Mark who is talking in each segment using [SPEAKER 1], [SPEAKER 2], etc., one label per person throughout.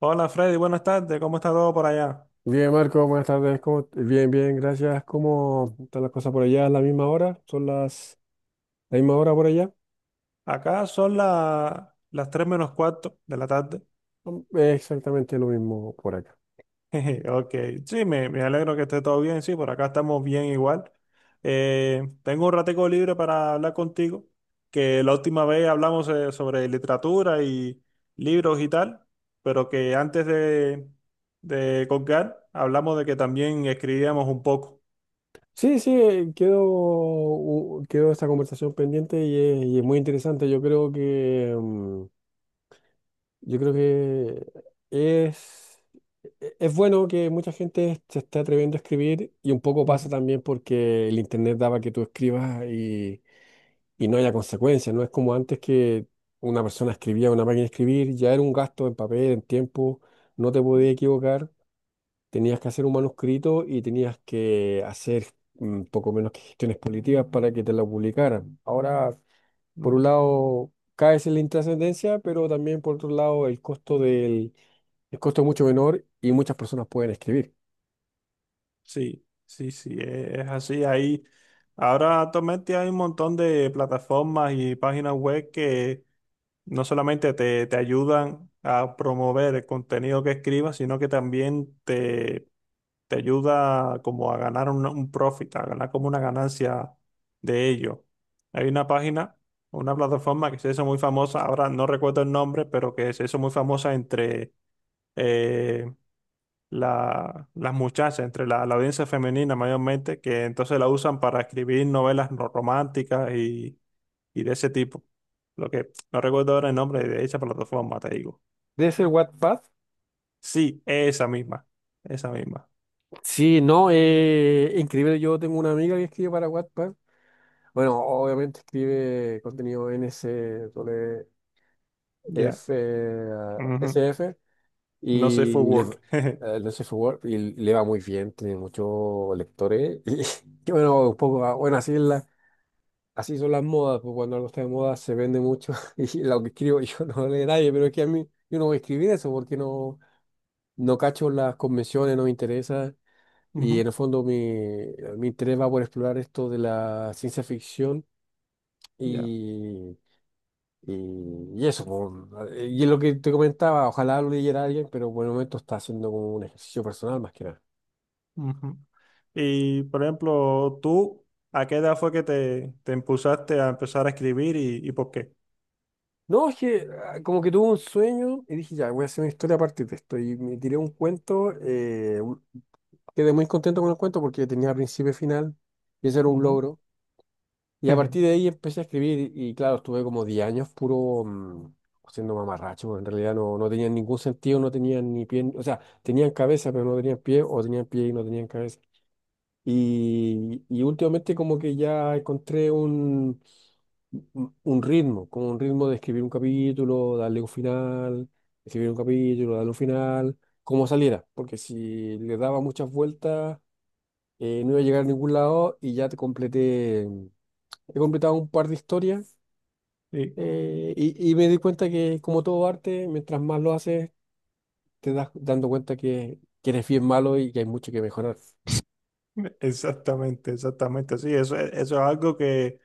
[SPEAKER 1] Hola Freddy, buenas tardes, ¿cómo está todo por allá?
[SPEAKER 2] Bien, Marco, buenas tardes. Bien, bien, gracias. ¿Cómo están las cosas por allá? ¿Es la misma hora? ¿Son las la misma hora por allá?
[SPEAKER 1] Acá son las 3 menos cuarto de la tarde.
[SPEAKER 2] Exactamente lo mismo por acá.
[SPEAKER 1] Jeje, ok, sí, me alegro que esté todo bien, sí, por acá estamos bien igual. Tengo un ratico libre para hablar contigo, que la última vez hablamos sobre literatura y libros y tal, pero que antes de colgar hablamos de que también escribíamos un poco.
[SPEAKER 2] Sí, quedó esta conversación pendiente y es muy interesante. Yo creo que, mm, yo creo que es, e- es bueno que mucha gente se esté atreviendo a escribir, y un poco pasa también porque el internet daba que tú escribas y no haya consecuencias. No es como antes, que una persona escribía en una máquina de escribir, ya era un gasto en papel, en tiempo, no te podías equivocar, tenías que hacer un manuscrito y tenías que hacer, poco menos que gestiones políticas para que te lo publicaran. Ahora, por
[SPEAKER 1] Ujú.
[SPEAKER 2] un lado, caes en la intrascendencia, pero también por otro lado, el costo es mucho menor y muchas personas pueden escribir.
[SPEAKER 1] Sí, sí, sí, es así. Ahora actualmente hay un montón de plataformas y páginas web que no solamente te ayudan a promover el contenido que escribas, sino que también te ayuda como a ganar un profit, a ganar como una ganancia de ello. Hay una página, una plataforma que se hizo muy famosa, ahora no recuerdo el nombre, pero que se hizo muy famosa entre... eh, las muchachas, entre la audiencia femenina mayormente, que entonces la usan para escribir novelas románticas y de ese tipo. Lo que no recuerdo ahora el nombre de esa plataforma, te digo.
[SPEAKER 2] ¿Debe ser Wattpad?
[SPEAKER 1] Sí, esa misma, esa misma.
[SPEAKER 2] Sí, no, increíble. Yo tengo una amiga que escribe para Wattpad. Bueno, obviamente escribe contenido n s f,
[SPEAKER 1] Ya.
[SPEAKER 2] s
[SPEAKER 1] Ujú.
[SPEAKER 2] f,
[SPEAKER 1] No sé
[SPEAKER 2] y
[SPEAKER 1] for
[SPEAKER 2] le,
[SPEAKER 1] work.
[SPEAKER 2] no sé, Word, y le va muy bien, tiene muchos lectores. Y, bueno, un poco, ah, bueno, así, es la, así son las modas, pues cuando algo está de moda se vende mucho. Y lo que escribo yo no lo lee nadie, pero es que a mí, yo no voy a escribir eso porque no, no cacho las convenciones, no me interesa. Y
[SPEAKER 1] Ujú.
[SPEAKER 2] en el fondo, mi interés va por explorar esto de la ciencia ficción.
[SPEAKER 1] Ya.
[SPEAKER 2] Y Y, y eso, po. Y es lo que te comentaba, ojalá lo leyera alguien, pero por el momento está haciendo como un ejercicio personal más que nada.
[SPEAKER 1] Ujú. Y por ejemplo, tú, ¿a qué edad fue que te impulsaste a empezar a escribir y por qué?
[SPEAKER 2] No, es que como que tuve un sueño y dije, ya, voy a hacer una historia aparte de esto. Y me tiré un cuento, quedé muy contento con el cuento porque tenía principio y final, y ese era un
[SPEAKER 1] Ujú.
[SPEAKER 2] logro. Y a partir de ahí empecé a escribir y, claro, estuve como 10 años puro, siendo mamarracho, porque en realidad no, no tenían ningún sentido, no tenían ni pie, ni- o sea, tenían cabeza pero no tenían pie, o tenían pie y no tenían cabeza. Y últimamente como que ya encontré un, un ritmo, como un ritmo de escribir un capítulo, darle un final, escribir un capítulo, darle un final, como saliera, porque si le daba muchas vueltas, no iba a llegar a ningún lado. He completado un par de historias.
[SPEAKER 1] Sí.
[SPEAKER 2] Y me di cuenta que, como todo arte, mientras más lo haces, te das dando cuenta que eres bien malo y que hay mucho que mejorar.
[SPEAKER 1] Exactamente, exactamente. Sí, eso, eso es algo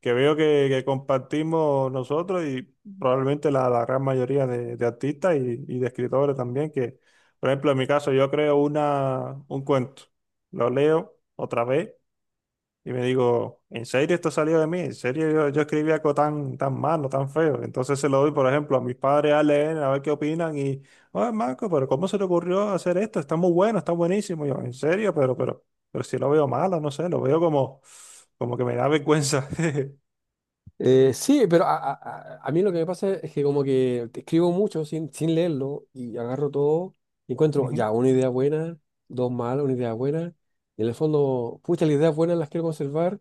[SPEAKER 1] que veo que compartimos nosotros y probablemente la gran mayoría de artistas y de escritores también, que, por ejemplo, en mi caso, yo creo un cuento, lo leo otra vez. Y me digo, ¿en serio esto salió de mí? ¿En serio yo escribí algo tan, tan malo, tan feo? Entonces se lo doy, por ejemplo, a mis padres a leer, a ver qué opinan. Y, oye, Marco, pero ¿cómo se te ocurrió hacer esto? Está muy bueno, está buenísimo. Y yo, ¿en serio? Pero si lo veo malo, no sé, lo veo como, como que me da vergüenza.
[SPEAKER 2] Sí, pero a mí lo que me pasa es que como que te escribo mucho sin, sin leerlo, y agarro todo y encuentro
[SPEAKER 1] Ujú,
[SPEAKER 2] ya una idea buena, dos malas, una idea buena. Y en el fondo, pucha, las ideas buenas las quiero conservar,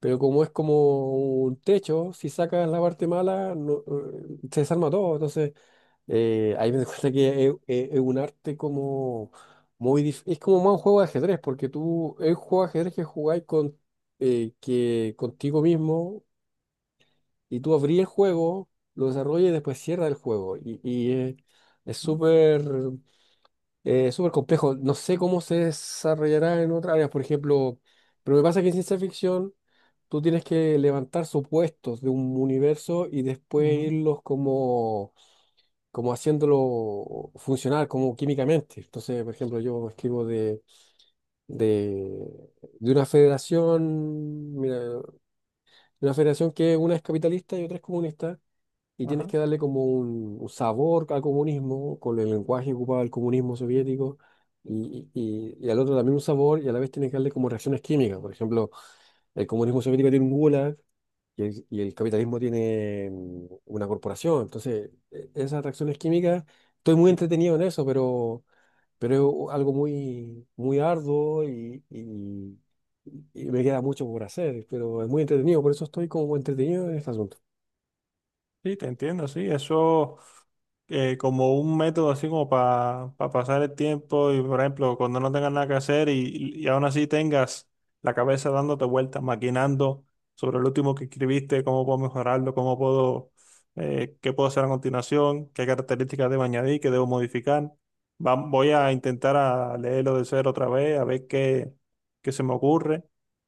[SPEAKER 2] pero como es como un techo: si sacas la parte mala, no, se desarma todo. Entonces, ahí me doy cuenta que es un arte como es como más un juego de ajedrez, porque tú, es un juego de ajedrez que jugáis con, contigo mismo, y tú abrí el juego, lo desarrollas y después cierra el juego. Es súper, súper complejo. No sé cómo se desarrollará en otras áreas, por ejemplo, pero me pasa que en ciencia ficción tú tienes que levantar supuestos de un universo y después
[SPEAKER 1] ujú,
[SPEAKER 2] irlos como, como haciéndolo funcionar, como químicamente. Entonces, por ejemplo, yo escribo de, de una federación, mira, de una federación que una es capitalista y otra es comunista, y tienes
[SPEAKER 1] ajá,
[SPEAKER 2] que darle como un sabor al comunismo, con el lenguaje que ocupaba el comunismo soviético, y al otro también un sabor, y a la vez tienes que darle como reacciones químicas. Por ejemplo, el comunismo soviético tiene un gulag, y el capitalismo tiene, una corporación. Entonces, esas reacciones químicas, estoy muy
[SPEAKER 1] sí,
[SPEAKER 2] entretenido en eso, pero es algo muy, muy arduo, y me queda mucho por hacer, pero es muy entretenido, por eso estoy como entretenido en este asunto.
[SPEAKER 1] sí, te entiendo, sí, eso. Como un método así como para pasar el tiempo y, por ejemplo, cuando no tengas nada que hacer y aún así tengas la cabeza dándote vueltas, maquinando sobre el último que escribiste, cómo puedo mejorarlo, qué puedo hacer a continuación, qué características debo añadir, qué debo modificar. Voy a intentar a leerlo de cero otra vez, a ver qué se me ocurre.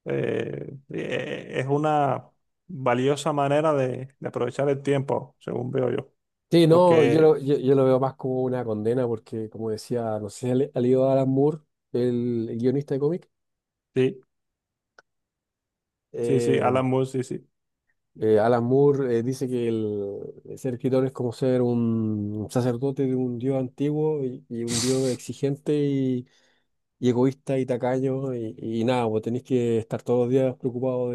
[SPEAKER 1] Es una valiosa manera de aprovechar el tiempo, según veo yo
[SPEAKER 2] Sí, no, yo
[SPEAKER 1] porque.
[SPEAKER 2] lo, yo, yo lo veo más como una condena porque, como decía, no sé si ha leído Alan Moore, el guionista de cómic.
[SPEAKER 1] Sí, sí, sí,
[SPEAKER 2] eh,
[SPEAKER 1] Alan Moore, sí, sí.
[SPEAKER 2] Alan Moore dice que ser escritor es como ser un sacerdote de un dios antiguo, y un dios exigente y egoísta y tacaño, y nada, vos tenés que estar todos los días preocupado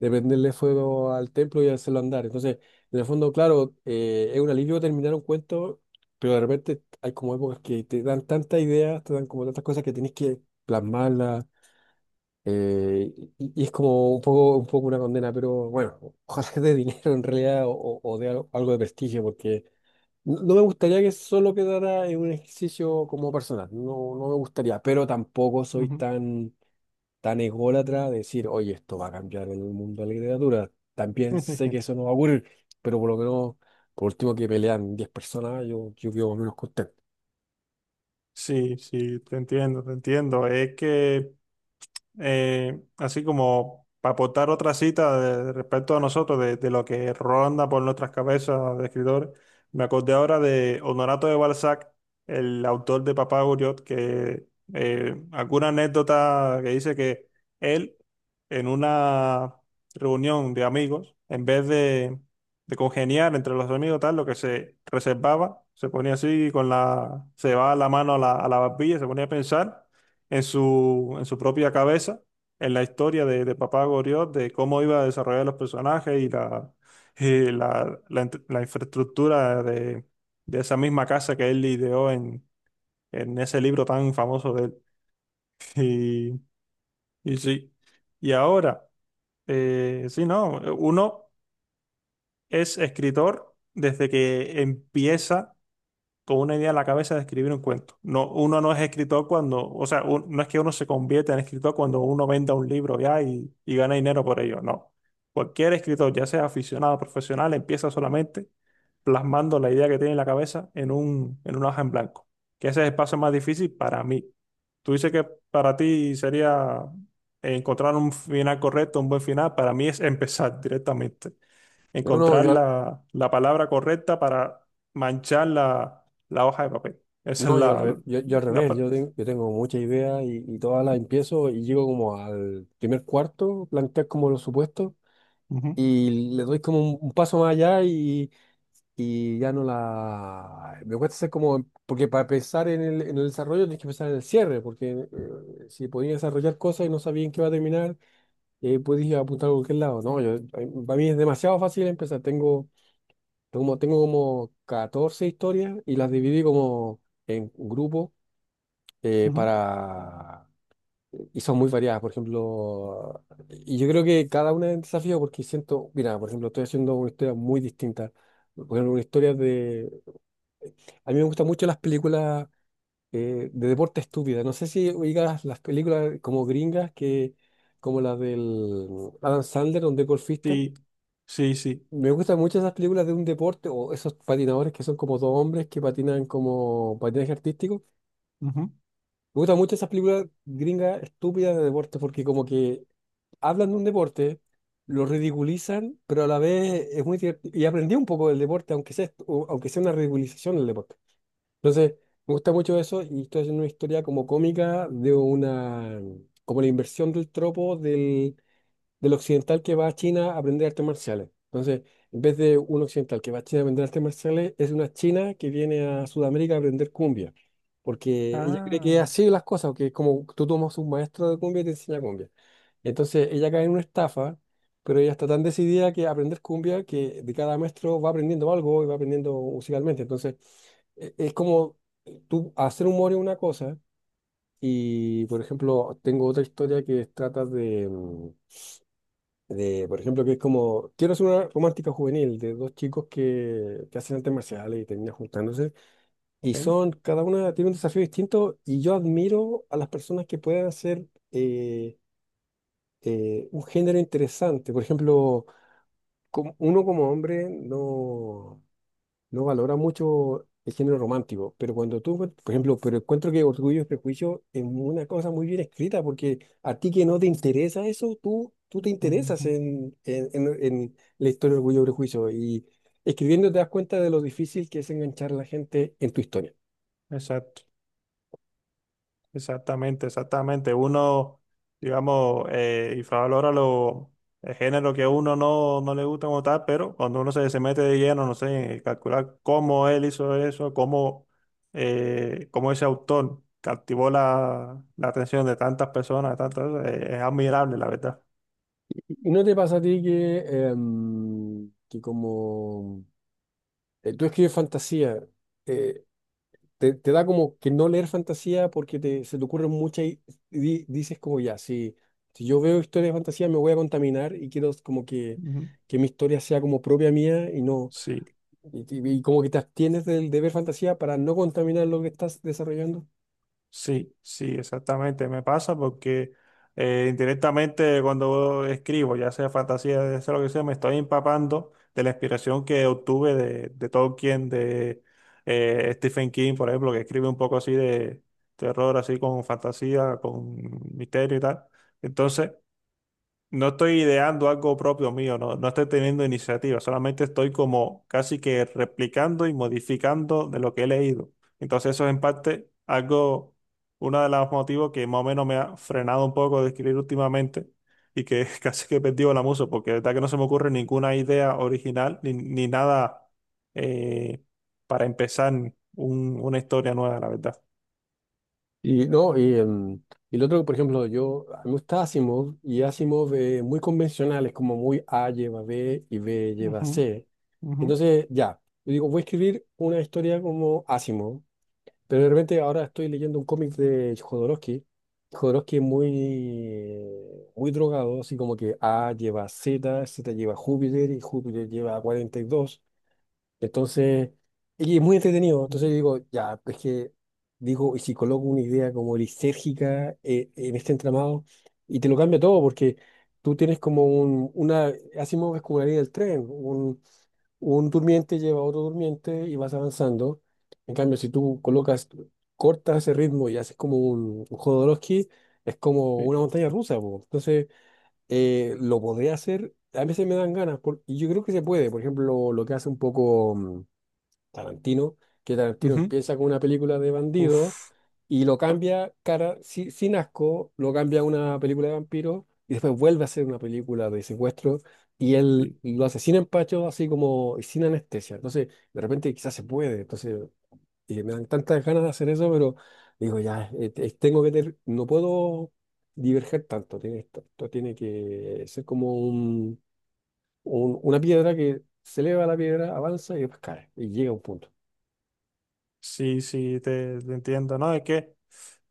[SPEAKER 2] de prenderle fuego al templo y hacerlo andar. Entonces, en el fondo, claro, es un alivio terminar un cuento, pero de repente hay como épocas que te dan tantas ideas, te dan como tantas cosas que tienes que plasmarlas, eh, y es como un poco una condena, pero bueno, ojalá que de dinero en realidad, o de algo, algo de prestigio, porque no, no me gustaría que solo quedara en un ejercicio como personal, no, no me gustaría, pero tampoco soy
[SPEAKER 1] Ujú.
[SPEAKER 2] tan, tan ególatra, decir, oye, esto va a cambiar el mundo de la literatura. También sé que eso no va a ocurrir, pero por lo menos, por último, que pelean 10 personas, yo quedo menos contento.
[SPEAKER 1] Sí, sí, te entiendo, te entiendo. Es que así como para aportar otra cita respecto a nosotros, de lo que ronda por nuestras cabezas de escritores me acordé ahora de Honorato de Balzac, el autor de Papá Goriot, que alguna anécdota que dice que él, en una reunión de amigos, en vez de congeniar entre los amigos, tal, lo que se reservaba, se ponía así con la, se va la mano a a la barbilla, se ponía a pensar en en su propia cabeza, en la historia de Papá Goriot, de cómo iba a desarrollar los personajes y la infraestructura de esa misma casa que él ideó en ese libro tan famoso de él. Y, y sí, y ahora, sí, no, uno es escritor desde que empieza con una idea en la cabeza de escribir un cuento. No, uno no es escritor cuando, o sea, no es que uno se convierta en escritor cuando uno venda un libro ya y gana dinero por ello, no. Cualquier escritor, ya sea aficionado o profesional, empieza solamente plasmando la idea que tiene en la cabeza en un, en una hoja en blanco, que ese es el paso más difícil para mí. Tú dices que para ti sería encontrar un final correcto, un buen final, para mí es empezar directamente
[SPEAKER 2] No, no,
[SPEAKER 1] encontrar
[SPEAKER 2] yo, al-
[SPEAKER 1] la palabra correcta para manchar la hoja de papel. Esa es
[SPEAKER 2] no, yo, al,
[SPEAKER 1] la...
[SPEAKER 2] re- yo al
[SPEAKER 1] la
[SPEAKER 2] revés.
[SPEAKER 1] pa-
[SPEAKER 2] Yo tengo muchas ideas, y todas las empiezo y llego como al primer cuarto, plantear como los supuestos.
[SPEAKER 1] Ujú,
[SPEAKER 2] Y le doy como un paso más allá, y ya no la... Me cuesta hacer como... Porque para pensar en en el desarrollo tienes que pensar en el cierre, porque si podías desarrollar cosas y no sabías en qué va a terminar, podías apuntar a cualquier lado. No, yo, para mí es demasiado fácil empezar. Tengo como 14 historias y las dividí como en grupos,
[SPEAKER 1] ujú.
[SPEAKER 2] para... Y son muy variadas. Por ejemplo, y yo creo que cada una es un desafío porque siento, mira, por ejemplo, estoy haciendo una historia muy distinta. Por ejemplo, una historia de... A mí me gustan mucho las películas, de deporte, estúpida. No sé si oigas las películas como gringas, que, como las del Adam Sandler, donde es golfista.
[SPEAKER 1] Sí, sí, sí.
[SPEAKER 2] Me gustan mucho esas películas de un deporte, o esos patinadores que son como dos hombres que patinan como patinaje artístico.
[SPEAKER 1] Ujú.
[SPEAKER 2] Me gustan mucho esas películas gringas estúpidas de deporte porque como que hablan de un deporte, lo ridiculizan, pero a la vez es muy divertido. Y aprendí un poco del deporte, aunque sea, aunque sea una ridiculización del deporte. Entonces, me gusta mucho eso y estoy haciendo una historia como cómica de una, como la inversión del tropo del occidental que va a China a aprender artes marciales. Entonces, en vez de un occidental que va a China a aprender artes marciales, es una china que viene a Sudamérica a aprender cumbia, porque ella cree
[SPEAKER 1] Ah,
[SPEAKER 2] que es así las cosas, que es como tú tomas un maestro de cumbia y te enseña cumbia. Entonces, ella cae en una estafa, pero ella está tan decidida que aprender cumbia que de cada maestro va aprendiendo algo y va aprendiendo musicalmente. Entonces, es como, tú hacer humor es una cosa. Y, por ejemplo, tengo otra historia que trata por ejemplo, que es como, quiero hacer una romántica juvenil de dos chicos que hacen artes marciales y terminan juntándose, y
[SPEAKER 1] ok.
[SPEAKER 2] son, cada una tiene un desafío distinto, y yo admiro a las personas que pueden hacer eh, un género interesante. Por ejemplo, uno como hombre no, no valora mucho el género romántico, pero cuando tú, por ejemplo, pero encuentro que Orgullo y Prejuicio es una cosa muy bien escrita, porque a ti que no te interesa eso, tú te interesas
[SPEAKER 1] Ujú.
[SPEAKER 2] en la historia de Orgullo y Prejuicio, y escribiendo te das cuenta de lo difícil que es enganchar a la gente en tu historia.
[SPEAKER 1] Exacto. Exactamente, exactamente. Uno, digamos, infravalora los géneros que a uno no, no le gusta como tal, pero cuando uno se mete de lleno, no sé, en calcular cómo él hizo eso, cómo ese autor captivó la atención de tantas personas, de tantas, es admirable, la verdad.
[SPEAKER 2] ¿Y no te pasa a ti que, em, que como tú escribes fantasía, eh, te, te da como que no leer fantasía porque te, se te ocurren muchas, dices como, ya, si, si yo veo historias de fantasía me voy a contaminar, y quiero como
[SPEAKER 1] Ujú.
[SPEAKER 2] que mi historia sea como propia mía y no,
[SPEAKER 1] Sí.
[SPEAKER 2] y como que te abstienes del, de ver fantasía, para no contaminar lo que estás desarrollando.
[SPEAKER 1] Sí, sí, exactamente. Me pasa porque indirectamente cuando escribo, ya sea fantasía, ya sea lo que sea, me estoy empapando de la inspiración que obtuve de Tolkien, de Stephen King, por ejemplo, que escribe un poco así de terror, así con fantasía, con misterio y tal. Entonces, no estoy ideando algo propio mío, no, no estoy teniendo iniciativa, solamente estoy como casi que replicando y modificando de lo que he leído. Entonces eso es en parte algo, uno de los motivos que más o menos me ha frenado un poco de escribir últimamente y que casi que he perdido la musa, porque de verdad que no se me ocurre ninguna idea original ni, ni nada eh, para empezar una historia nueva, la verdad.
[SPEAKER 2] Y no, y, em, Y lo otro, por ejemplo, yo, a mí me gusta Asimov, y Asimov, muy convencionales, como muy A lleva B y B lleva
[SPEAKER 1] Ujú,
[SPEAKER 2] C.
[SPEAKER 1] ujú,
[SPEAKER 2] Entonces, ya, yo digo, voy a escribir una historia como Asimov. Pero de repente ahora estoy leyendo un cómic de Jodorowsky. Jodorowsky es muy, muy drogado, así como que A lleva Z, Z lleva Júpiter y Júpiter lleva 42. Entonces, y es muy entretenido. Entonces
[SPEAKER 1] ujú,
[SPEAKER 2] yo digo, ya, es que digo, ¿y si coloco una idea como lisérgica, en este entramado? Y te lo cambia todo, porque tú tienes como Asimov es como la línea del tren, un durmiente lleva a otro durmiente y vas avanzando. En cambio, si tú colocas, cortas ese ritmo y haces como un Jodorowsky, es como
[SPEAKER 1] sí,
[SPEAKER 2] una montaña rusa, po. Entonces, lo podría hacer. A veces me dan ganas, y yo creo que se puede. Por ejemplo, lo que hace un poco, Tarantino, que Tarantino
[SPEAKER 1] ujú,
[SPEAKER 2] empieza con una película de bandidos
[SPEAKER 1] uf,
[SPEAKER 2] y lo cambia cara, sin asco, lo cambia a una película de vampiros y después vuelve a hacer una película de secuestro, y él
[SPEAKER 1] sí.
[SPEAKER 2] lo asesina en pacho así como y sin anestesia. Entonces, de repente quizás se puede. Entonces, me dan tantas ganas de hacer eso, pero digo, ya, tengo que no puedo diverger tanto. Esto tiene que ser como un, una piedra que se eleva, la piedra avanza y después cae y llega a un punto.
[SPEAKER 1] Sí, sí, te entiendo, ¿no? Es que eh,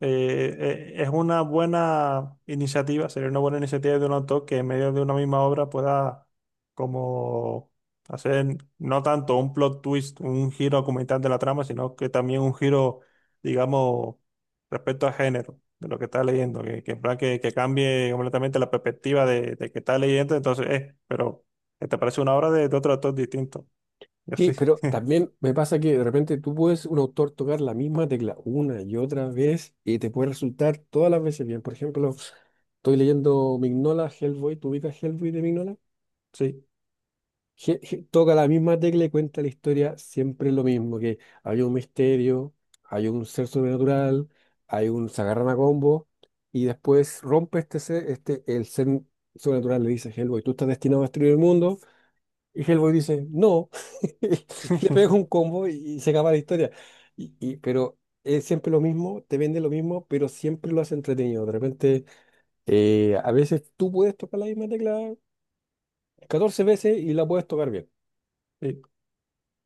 [SPEAKER 1] eh, es una buena iniciativa, sería una buena iniciativa de un autor que en medio de una misma obra pueda como hacer no tanto un plot twist, un giro argumental de la trama, sino que también un giro, digamos, respecto al género de lo que está leyendo, que en plan que cambie completamente la perspectiva de que está leyendo, entonces, pero te parece una obra de otro autor distinto. Y
[SPEAKER 2] Sí,
[SPEAKER 1] así,
[SPEAKER 2] pero también me pasa que de repente tú puedes, un autor, tocar la misma tecla una y otra vez, y te puede resultar todas las veces bien. Por ejemplo, estoy leyendo Mignola, Hellboy. ¿Tú ubicas Hellboy de Mignola?
[SPEAKER 1] sí.
[SPEAKER 2] Toca la misma tecla y cuenta la historia siempre lo mismo, que hay un misterio, hay un ser sobrenatural, hay un se agarran a combo, y después rompe este ser, el ser sobrenatural le dice a Hellboy, tú estás destinado a destruir el mundo, y Hellboy dice, no, y le pega un combo, y se acaba la historia. Pero es siempre lo mismo, te vende lo mismo, pero siempre lo hace entretenido. De repente, a veces tú puedes tocar la misma tecla 14 veces y la puedes tocar bien.
[SPEAKER 1] Sí.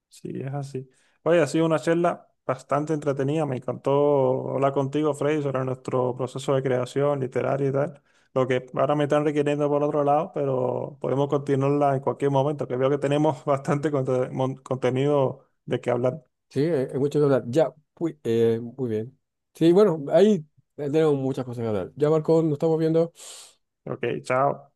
[SPEAKER 1] Sí, es así. Oye, ha sido una charla bastante entretenida. Me encantó hablar contigo, Freddy, sobre nuestro proceso de creación literaria y tal. Lo que ahora me están requiriendo por otro lado, pero podemos continuarla en cualquier momento, que veo que tenemos bastante contenido de qué hablar.
[SPEAKER 2] Sí, hay mucho que hablar. Ya, muy, muy bien. Sí, bueno, ahí tenemos muchas cosas que hablar. Ya, Marco, nos estamos viendo.
[SPEAKER 1] Ok, chao.